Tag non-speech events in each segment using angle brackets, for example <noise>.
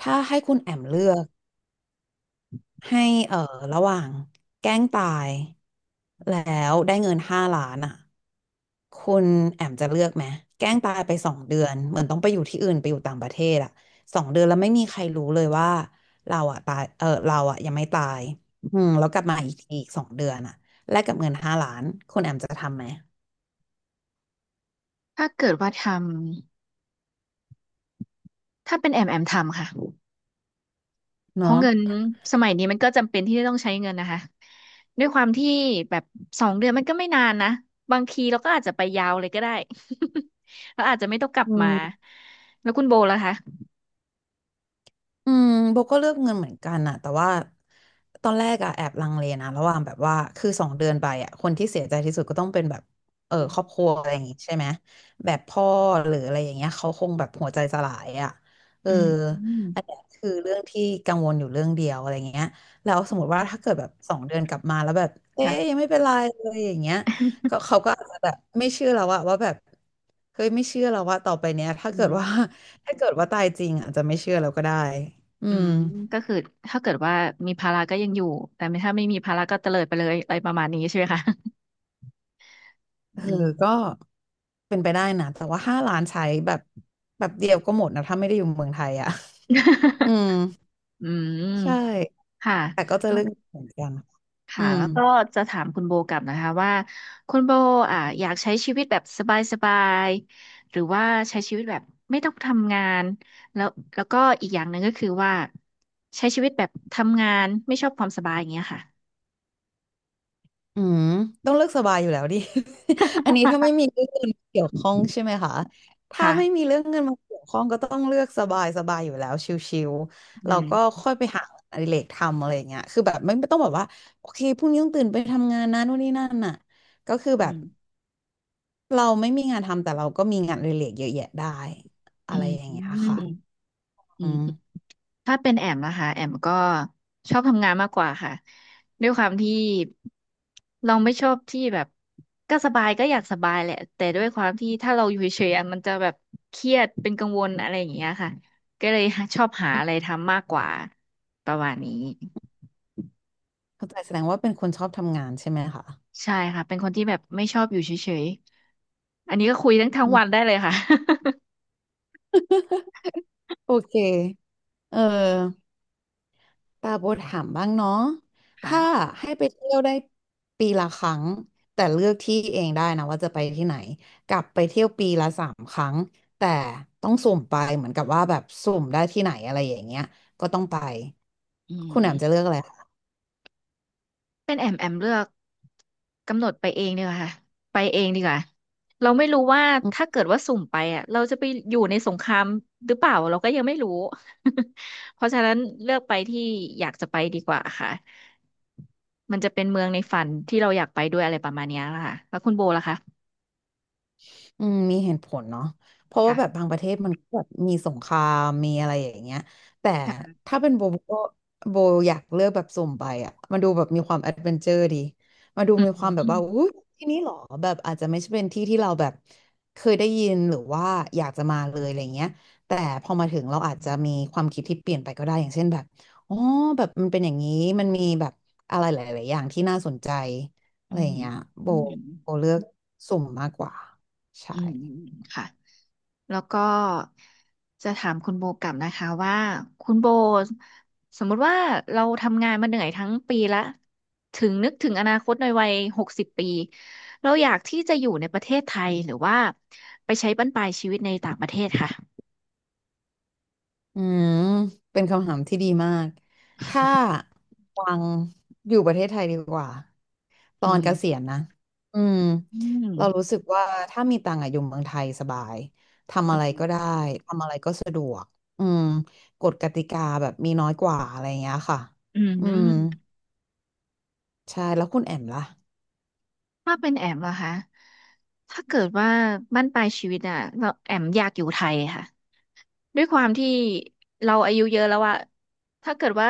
ถ้าให้คุณแอมเลือกให้เอ่อระหว่างแกล้งตายแล้วได้เงินห้าล้านอ่ะคุณแอมจะเลือกไหมแกล้งตายไปสองเดือนเหมือนต้องไปอยู่ที่อื่นไปอยู่ต่างประเทศอ่ะสองเดือนแล้วไม่มีใครรู้เลยว่าเราอ่ะตายเออเราอ่ะยังไม่ตายอืมแล้วกลับมาอีกทีอีกสองเดือนอ่ะแลกกับเงินห้าล้านคุณแอมจะทำไหมถ้าเกิดว่าทำถ้าเป็นแอมทำค่ะเพราะเนาะเงินสมัยนี้มันก็จำเป็นที่จะต้องใช้เงินนะคะด้วยความที่แบบ2 เดือนมันก็ไม่นานนะบางทีเราก็อาจจะไปยาวเลยก็ได้ <laughs> เราอาจจะไม่ต้องกลับอืมาม แล้วคุณโบล่ะคะอืมโบก็เลือกเงินเหมือนกันอะแต่ว่าตอนแรกอะแอบลังเลนะระหว่างแบบว่าคือสองเดือนไปอะคนที่เสียใจที่สุดก็ต้องเป็นแบบเออครอบครัวอะไรอย่างงี้ใช่ไหมแบบพ่อหรืออะไรอย่างเงี้ยเขาคงแบบหัวใจสลายอะเอออืมอืมอันเนี้ยคือเรื่องที่กังวลอยู่เรื่องเดียวอะไรเงี้ยแล้วสมมติว่าถ้าเกิดแบบสองเดือนกลับมาแล้วแบบเอ๊ยยังค่ะไม่เป็นไรเลยอย่างเงี้ยก็เขาก็อาจจะแบบไม่เชื่อแล้วว่าแบบเฮ้ยไม่เชื่อแล้วว่าต่อไปเนี้ยถ้าอืเกิดมว่า ถ้าเกิดว่าตายจริงอาจจะไม่เชื่อแล้วก็ได้อือืมมก็คือถ้าเกิดว่ามีภาระก็ยังอยู่แต่ไม่ถ้าไม่มีภาระก็เตลิดไปเลยอะไรประมาณนี้ใช่ไหมคะ เอ <laughs> ออืม ก็เป็นไปได้นะแต่ว่าห้าล้านใช้แบบแบบเดียวก็หมดนะถ้าไม่ได้อยู่เมืองไทยอ่ะ <laughs> อื <laughs> ม อืมใช่ ค่ะ แต่ก็จะเรื่องเหมือนกันอืค่ะม แล้วก็จะถามคุณโบกลับนะคะว่าคุณโบอยากใช้ชีวิตแบบสบายๆหรือว่าใช้ชีวิตแบบไม่ต้องทำงานแล้วแล้วก็อีกอย่างหนึ่งก็คือว่าใช้ชีวิตแบบทำงานไม่ชอบความสบายอย่างเงี้ยค่ะ อืมต้องเลือกสบายอยู่แล้วดิ <laughs> อันนี้ถ้าไม่มีเรื่องเงินมาเกี่ยวข้องใช่ไหม <laughs> คะถ้าไม่ค่ะมีเรื่องเงินมาเกี่ยวข้องก็ต้องเลือกสบายสบายอยู่แล้วชิวๆอืเรามก็ค่อยไปหาอดิเรกทำอะไรอย่างเงี้ยคือแบบไม่ต้องแบบว่าโอเคพรุ่งนี้ต้องตื่นไปทำงานนะนู่นนี่นั่นน่ะก็คืออืแบบมเราไม่มีงานทำแต่เราก็มีงานอดิเรกเยอะแยะได้อือะไรอย่างเงี้ยมค่ะอือืม มถ้าเป็นแอมนะคะแอมก็ชอบทำงานมากกว่าค่ะด้วยความที่เราไม่ชอบที่แบบก็สบายก็อยากสบายแหละแต่ด้วยความที่ถ้าเราอยู่เฉยๆอะมันจะแบบเครียดเป็นกังวลอะไรอย่างเงี้ยค่ะก็เลยชอบหาอะไรทำมากกว่าประมาณนี้เข้าใจแสดงว่าเป็นคนชอบทำงานใช่ไหมคะใช่ค่ะเป็นคนที่แบบไม่ชอบอยู่เฉยๆอันนี้ก็คุยทั้งอืมวันได้เลยค่ะ โอเคเออ ปาโบถามบ้างเนาะ <laughs> ถ้าค่ะให้ไปเที่ยวได้ปีละครั้งแต่เลือกที่เองได้นะว่าจะไปที่ไหน กลับไปเที่ยวปีละ 3 ครั้งแต่ต้องสุ่มไปเหมือนกับว่าแบบสุ่มได้ที่ไหนอะไรอย่างเงี้ยก็ต้องไปอืคุม ณแหม่มจะเลือกอะไรคะ เป็นแอมเลือกกำหนดไปเองดีกว่าค่ะไปเองดีกว่า เราไม่รู้ว่าถ้าเกิดว่าสุ่มไปอ่ะเราจะไปอยู่ในสงครามหรือเปล่าเราก็ยังไม่รู้ <laughs> เพราะฉะนั้นเลือกไปที่อยากจะไปดีกว่าค่ะมันจะเป็นเมืองในฝันที่เราอยากไปด้วยอะไรประมาณเนี้ยละค่ะแล้วคุณโบล่ะคะอืมมีเหตุผลเนาะเพราะว่าแบบค่ะบางประเทศมันก็แบบมีสงครามมีอะไรอย่างเงี้ย แต่ค่ะถ้าเป็นโบโบก็โบอยากเลือกแบบสุ่มไปอ่ะมันดูแบบมีความแอดเวนเจอร์ดีมาดูอืมมีอืความแบบมว่าอุ้ยที่นี่เหรอแบบอาจจะไม่ใช่เป็นที่ที่เราแบบเคยได้ยินหรือว่าอยากจะมาเลยอะไรเงี้ยแต่พอมาถึงเราอาจจะมีความคิดที่เปลี่ยนไปก็ได้ อย่างเช่นแบบอ๋อแบบมันเป็นอย่างนี้มันมีแบบอะไรหลายๆอย่างที่น่าสนใจอะอืไรอย่ามงเงี้ยโบอืมโบเลือกสุ่มมากกว่า ใช่อืมค่ะ แล้วก็จะถามคุณโบกลับนะคะว่าคุณโบสมมุติว่าเราทำงานมาเหนื่อยทั้งปีละถึงนึกถึงอนาคตในวัย60 ปีเราอยากที่จะอยู่ในประเทศไทยหรือว่าไปใช้บั้นปลายชีวิตในต่างประเทศค่ะอืมเป็นคำถามที่ดีมาก ถ้าวังอยู่ประเทศไทยดีกว่า ตอือนเกษียมณนะ อืม อืมเรารู้สึกว่าถ้ามีตังค์อะอยู่เมืองไทยสบาย ทำอือะไรก็ได้ มทำอะไรก็สะดวก อืมกฎกติกาแบบมีน้อยกว่าอะไรอย่างเงี้ยค่ะ อือืมม ใช่ แล้วคุณแอมล่ะถ้าเป็นแอมเหรอคะถ้าเกิดว่าบั้นปลายชีวิตอ่ะเราแอมอยากอยู่ไทยค่ะ ด้วยความที่เราอายุเยอะแล้วอะ ถ้าเกิดว่า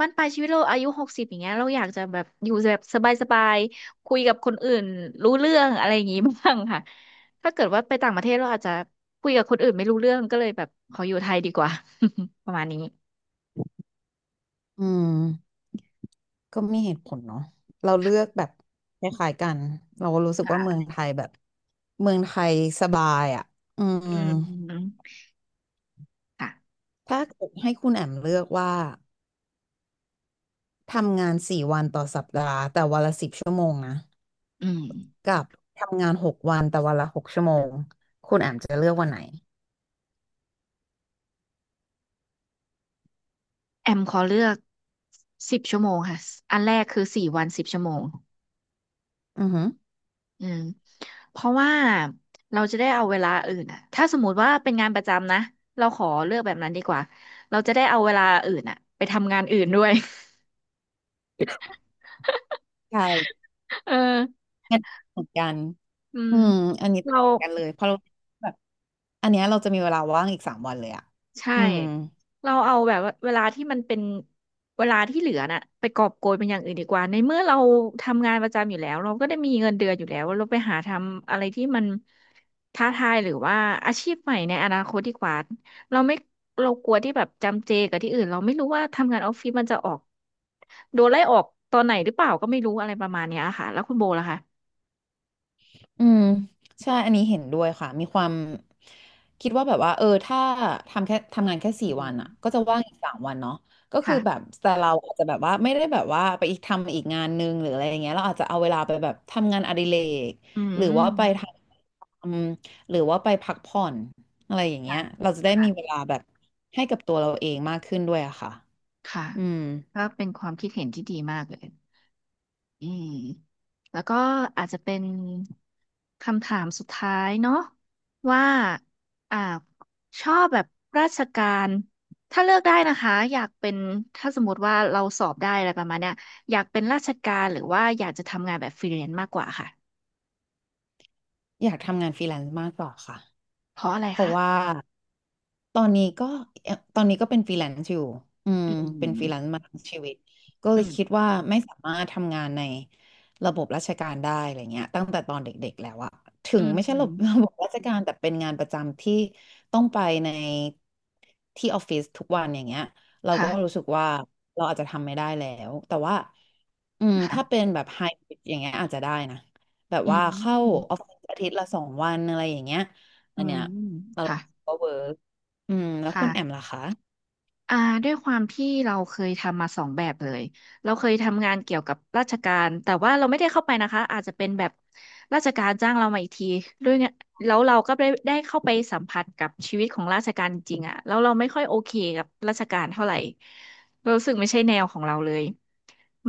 มันปลายชีวิตเราอายุหกสิบอย่างเงี้ยเราอยากจะแบบอยู่แบบสบายๆคุยกับคนอื่นรู้เรื่องอะไรอย่างงี้ <laughs> บ้างค่ะถ้าเกิดว่าไปต่างประเทศเราอาจจะคุยกับคนอื่นไม่รู้เรื่องก็เลยแบบขออยู่ไทยดีกว่า <laughs> ประมาณนี้อืม ก็มีเหตุผลเนาะเราเลือกแบบคล้ายๆกันเรารู้สึกว่าเมืองค่ะไทยแบบเมืองไทยสบายอ่ะอืมอืมค่ะถ้าเกิดให้คุณแอมเลือกว่าทำงานสี่วันต่อสัปดาห์แต่วันละ10 ชั่วโมงนะอืมกับทำงาน6 วันแต่วันละ6 ชั่วโมงคุณแอมจะเลือกวันไหนแอมขอเลือกสิบชั่วโมงค่ะอันแรกคือ4 วันสิบชั่วโมง อือหืออืมเพราะว่าเราจะได้เอาเวลาอื่นอ่ะถ้าสมมติว่าเป็นงานประจำนะเราขอเลือกแบบนั้นดีกว่าเราจะได้เอาเวลาอื่นอ่ะไปทำงานอื่นด้วย ใช่ <laughs> เอองั้นเหมือนกันอืมอืมอันนี้เรา ต่างกันเลยเพราะเราแบบอันเนี้ยเราจะมีเวลาว่างอีกสามวันเลยอ่ะใช่อืม เราเอาแบบว่าเวลาที่มันเป็นเวลาที่เหลือน่ะไปกอบโกยเป็นอย่างอื่นดีกว่าในเมื่อเราทำงานประจำอยู่แล้วเราก็ได้มีเงินเดือนอยู่แล้วเราไปหาทำอะไรที่มันท้าทายหรือว่าอาชีพใหม่ในอนาคตดีกว่าเราไม่เรากลัวที่แบบจำเจกับที่อื่นเราไม่รู้ว่าทำงานออฟฟิศมันจะออกโดนไล่ออกตอนไหนหรือเปล่าก็ไม่รู้อะไรประมาณเนี้ยค่ะแล้วคุณโบล่ะคะอืมใช่อันนี้เห็นด้วยค่ะมีความคิดว่าแบบว่าเออถ้าทำแค่ทำงานแค่สี่อืวัมนอ่ะก็จะว่างอีกสามวันเนาะก็คือแบบค่ะแต่เราอาจจะแบบว่าไม่ได้แบบว่าไปอีกทำอีกงานนึงหรืออะไรอย่างเงี้ยเราอาจจะเอาเวลาไปแบบทำงานอดิเรกอืหมรือว่าไปทำหรือว่าไปพักผ่อนอะไรอย่างเงี้ค่ะยเราจะได้มีเวค่ะลาแบบให้กับตัวเราเองมากขึ้นด้วยอะค่ะค่ะอืมก็เป็นความคิดเห็นที่ดีมากเลย อืมแล้วก็อาจจะเป็นคำถามสุดท้ายเนาะว่าอ่าชอบแบบราชการถ้าเลือกได้นะคะอยากเป็นถ้าสมมติว่าเราสอบได้อะไรประมาณเนี้ยอยากเป็นราชการหรือว่าอยากจะทำงานแบบฟรีแลนซ์มากกว่าค่ะอยากทำงานฟรีแลนซ์มากกว่าค่ะ เพราะอะไรเพราะคะว่าตอนนี้ก็ตอนนี้ก็เป็นฟรีแลนซ์อยู่อืมอืเป็นฟรีแลนมซ์มาทั้งชีวิตก็เลอืยมคิดว่าไม่สามารถทำงานในระบบราชการได้อะไรเงี้ยตั้งแต่ตอนเด็กๆแล้วอะถึอืงไม่ใช่ระบบ <laughs> ระมบบราชการแต่เป็นงานประจำที่ต้องไปในที่ออฟฟิศทุกวันอย่างเงี้ยเราก็รู้ค่ะสึกว่าเราอาจจะทำไม่ได้แล้วแต่ว่าค่ะถ้าเป็นแบบไฮบริดอย่างเงี้ยอาจจะได้นะแบบอืว่าเข้าออมฟฟิศอาทิตย์ละสองวันอะไรอย่างเงี้ยอือันเนี้ย มเราค่ะก็เวิร์กอืมแล้วคุณแอมค่ะ ล่ะคะอ่าด้วยความที่เราเคยทำมาสองแบบเลยเราเคยทำงานเกี่ยวกับราชการแต่ว่าเราไม่ได้เข้าไปนะคะอาจจะเป็นแบบราชการจ้างเรามาอีกทีด้วยเนี่ยแล้วเราก็ได้เข้าไปสัมผัสกับชีวิตของราชการจริงๆอะแล้วเราไม่ค่อยโอเคกับราชการเท่าไหร่เรารู้สึกไม่ใช่แนวของเราเลย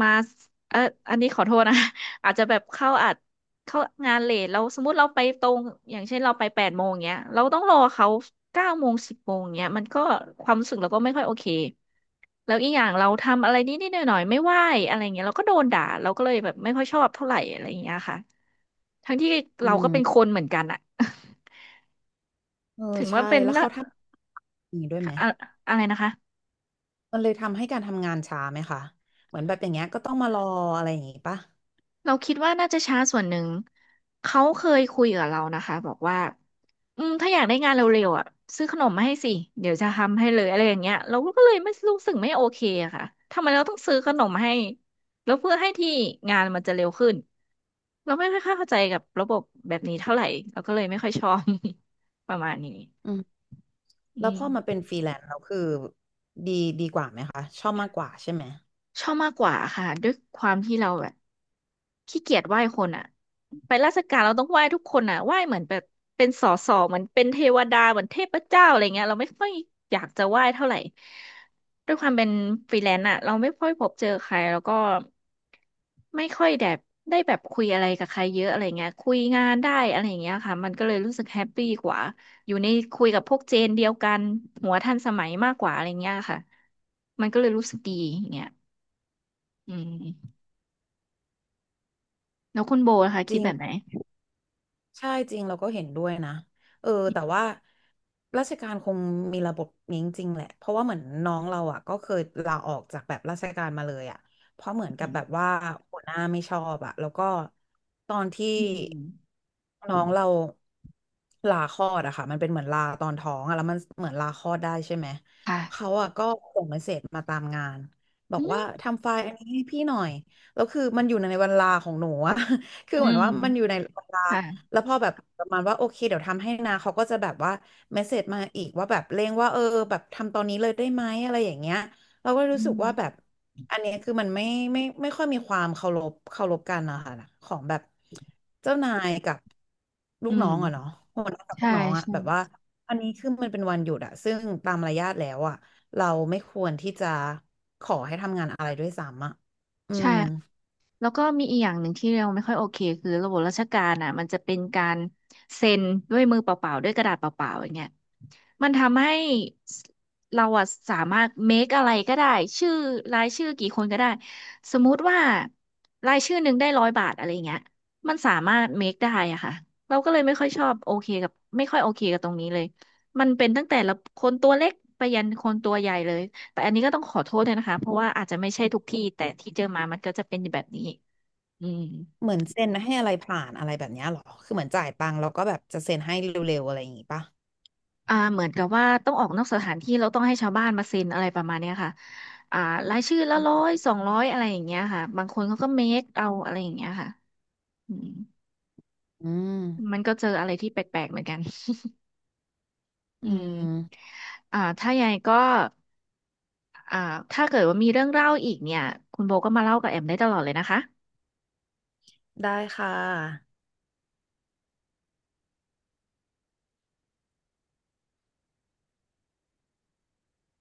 มาเอออันนี้ขอโทษนะ <laughs> อาจจะแบบเข้าอาจ เขางานเลทเราสมมติเราไปตรงอย่างเช่นเราไป8 โมงเงี้ยเราต้องรอเขา9 โมง10 โมงเงี้ยมันก็ความรู้สึกเราก็ไม่ค่อยโอเคแล้วอีกอย่างเราทำอะไรนิดนิดหน่อยหน่อยๆไม่ไหวอะไรเงี้ยเราก็โดนด่าเราก็เลยแบบไม่ค่อยชอบเท่าไหร่อะไรเงี้ยค่ะทั้งที่อืเราก็เป็นคมนเหมือนกันอะ เออ <laughs> ถึงว่าใช่ เป็นแล้วละเขาทำอย่างนี้ด้วยไหมอะอะไรนะคะ มันเลยทำให้การทำงานช้าไหมคะ เหมือนแบบอย่างเงี้ยก็ต้องมารออะไรอย่างงี้ปะเราคิดว่าน่าจะช้าส่วนหนึ่งเขาเคยคุยกับเรานะคะบอกว่าอืมถ้าอยากได้งานเร็วๆอ่ะซื้อขนมมาให้สิเดี๋ยวจะทำให้เลยอะไรอย่างเงี้ยเราก็เลยไม่รู้สึกไม่โอเคอะค่ะทำไมเราต้องซื้อขนมให้แล้วเพื่อให้ที่งานมันจะเร็วขึ้นเราไม่ค่อยเข้าใจกับระบบแบบนี้เท่าไหร่เราก็เลยไม่ค่อยชอบ <laughs> ประมาณนี้อืมอืแล้วพม อมาเป็นฟรีแลนซ์เราคือดีดีกว่าไหมคะ ชอบมากกว่าใช่ไหมชอบมากกว่าค่ะด้วยความที่เราแบบขี้เกียจไหว้คนอ่ะไปราชการเราต้องไหว้ทุกคนอ่ะไหว้เหมือนแบบเป็นสอสอเหมือนเป็นเทวดาเหมือนเทพเจ้าอะไรเงี้ยเราไม่ค่อยอยากจะไหว้เท่าไหร่ด้วยความเป็นฟรีแลนซ์อ่ะเราไม่ค่อยพบเจอใครแล้วก็ไม่ค่อยแบบได้แบบคุยอะไรกับใครเยอะอะไรเงี้ยคุยงานได้อะไรเงี้ยค่ะมันก็เลยรู้สึกแฮปปี้กว่าอยู่ในคุยกับพวกเจนเดียวกันหัวทันสมัยมากกว่าอะไรเงี้ยค่ะมันก็เลยรู้สึกดีอย่างเงี้ย อืมแล้วคุณโบนะคะจคิดริง แบบไหนใช่จริงเราก็เห็นด้วยนะเออแต่ว่าราชการคงมีระบบนี้จริงๆแหละเพราะว่าเหมือนน้องเราอ่ะก็เคยลาออกจากแบบราชการมาเลยอ่ะเพราะเหมือนอืกับแบบมว่าหัวหน้าไม่ชอบอ่ะแล้วก็ตอนที่อืมน้องเราลาคลอดอะค่ะมันเป็นเหมือนลาตอนท้องอะแล้วมันเหมือนลาคลอดได้ใช่ไหมเขาค่ะอ่ะก็ส่งเมสเสจมาตามงานบออืกมว่าทำไฟล์อันนี้ให้พี่หน่อยแล้วคือมันอยู่ในเวลาของหนูอะ <laughs> คืออืเหมือนมว่ามันอยู่ในเวลา ค่ะแล้วพอแบบประมาณว่าโอเคเดี๋ยวทำให้นะเขาก็จะแบบว่าเมสเสจมาอีกว่าแบบเร่งว่าเออแบบทำตอนนี้เลยได้ไหมอะไรอย่างเงี้ยเราก็รู้อืสึกมว่าแบบอันเนี้ยคือมันไม่ไม่ค่อยมีความเคารพกันนะคะของแบบเจ้านายกับลูอืกน้องอะเนาะมหัวหน้ากับลูกใช่น้องอะใช่แบบว่าอันนี้คือมันเป็นวันหยุดอะซึ่งตามมารยาทแล้วอะเราไม่ควรที่จะขอให้ทำงานอะไรด้วยซ้ำอะอืใช่ ม แล้วก็มีอีกอย่างหนึ่งที่เราไม่ค่อยโอเคคือระบบราชการอ่ะมันจะเป็นการเซ็นด้วยมือเปล่าๆด้วยกระดาษเปล่าๆอย่างเงี้ยมันทำให้สเราอะสามารถ make อะไรก็ได้ชื่อรายชื่อกี่คนก็ได้สมมุติว่ารายชื่อหนึ่งได้100 บาทอะไรเงี้ยมันสามารถ make ได้อะค่ะเราก็เลยไม่ค่อยชอบโอเคกับไม่ค่อยโอเคกับตรงนี้เลยมันเป็นตั้งแต่ละคนตัวเล็กไปยันคนตัวใหญ่เลย แต่อันนี้ก็ต้องขอโทษด้วยนะคะเพราะว่าอาจจะไม่ใช่ทุกที่แต่ที่เจอมามันก็จะเป็นแบบนี้อืมเหมือนเซ็นให้อะไรผ่านอะไรแบบเนี้ยเหรอ คือเหมือนจ่ายตังค์แล้วก็แบบจะเซ็นให้เร็วๆอะไรอย่างงี้ป่ะอ่าเหมือนกับว่าต้องออกนอกสถานที่เราต้องให้ชาวบ้านมาเซ็นอะไรประมาณเนี้ยค่ะอ่ารายชื่อละ100 200อะไรอย่างเงี้ยค่ะบางคนเขาก็เมคเอาอะไรอย่างเงี้ยค่ะอืมอืมัมนก็เจออะไรที่แปลกๆเหมือนกัน <laughs> อือืมมอ่าถ้ายังไงก็อ่าถ้าเกิดว่ามีเรื่องเล่าอีกเนี่ยคุณโบก็มาเล่ากับแอมได้ตลอดเลยนะคะได้ค่ะ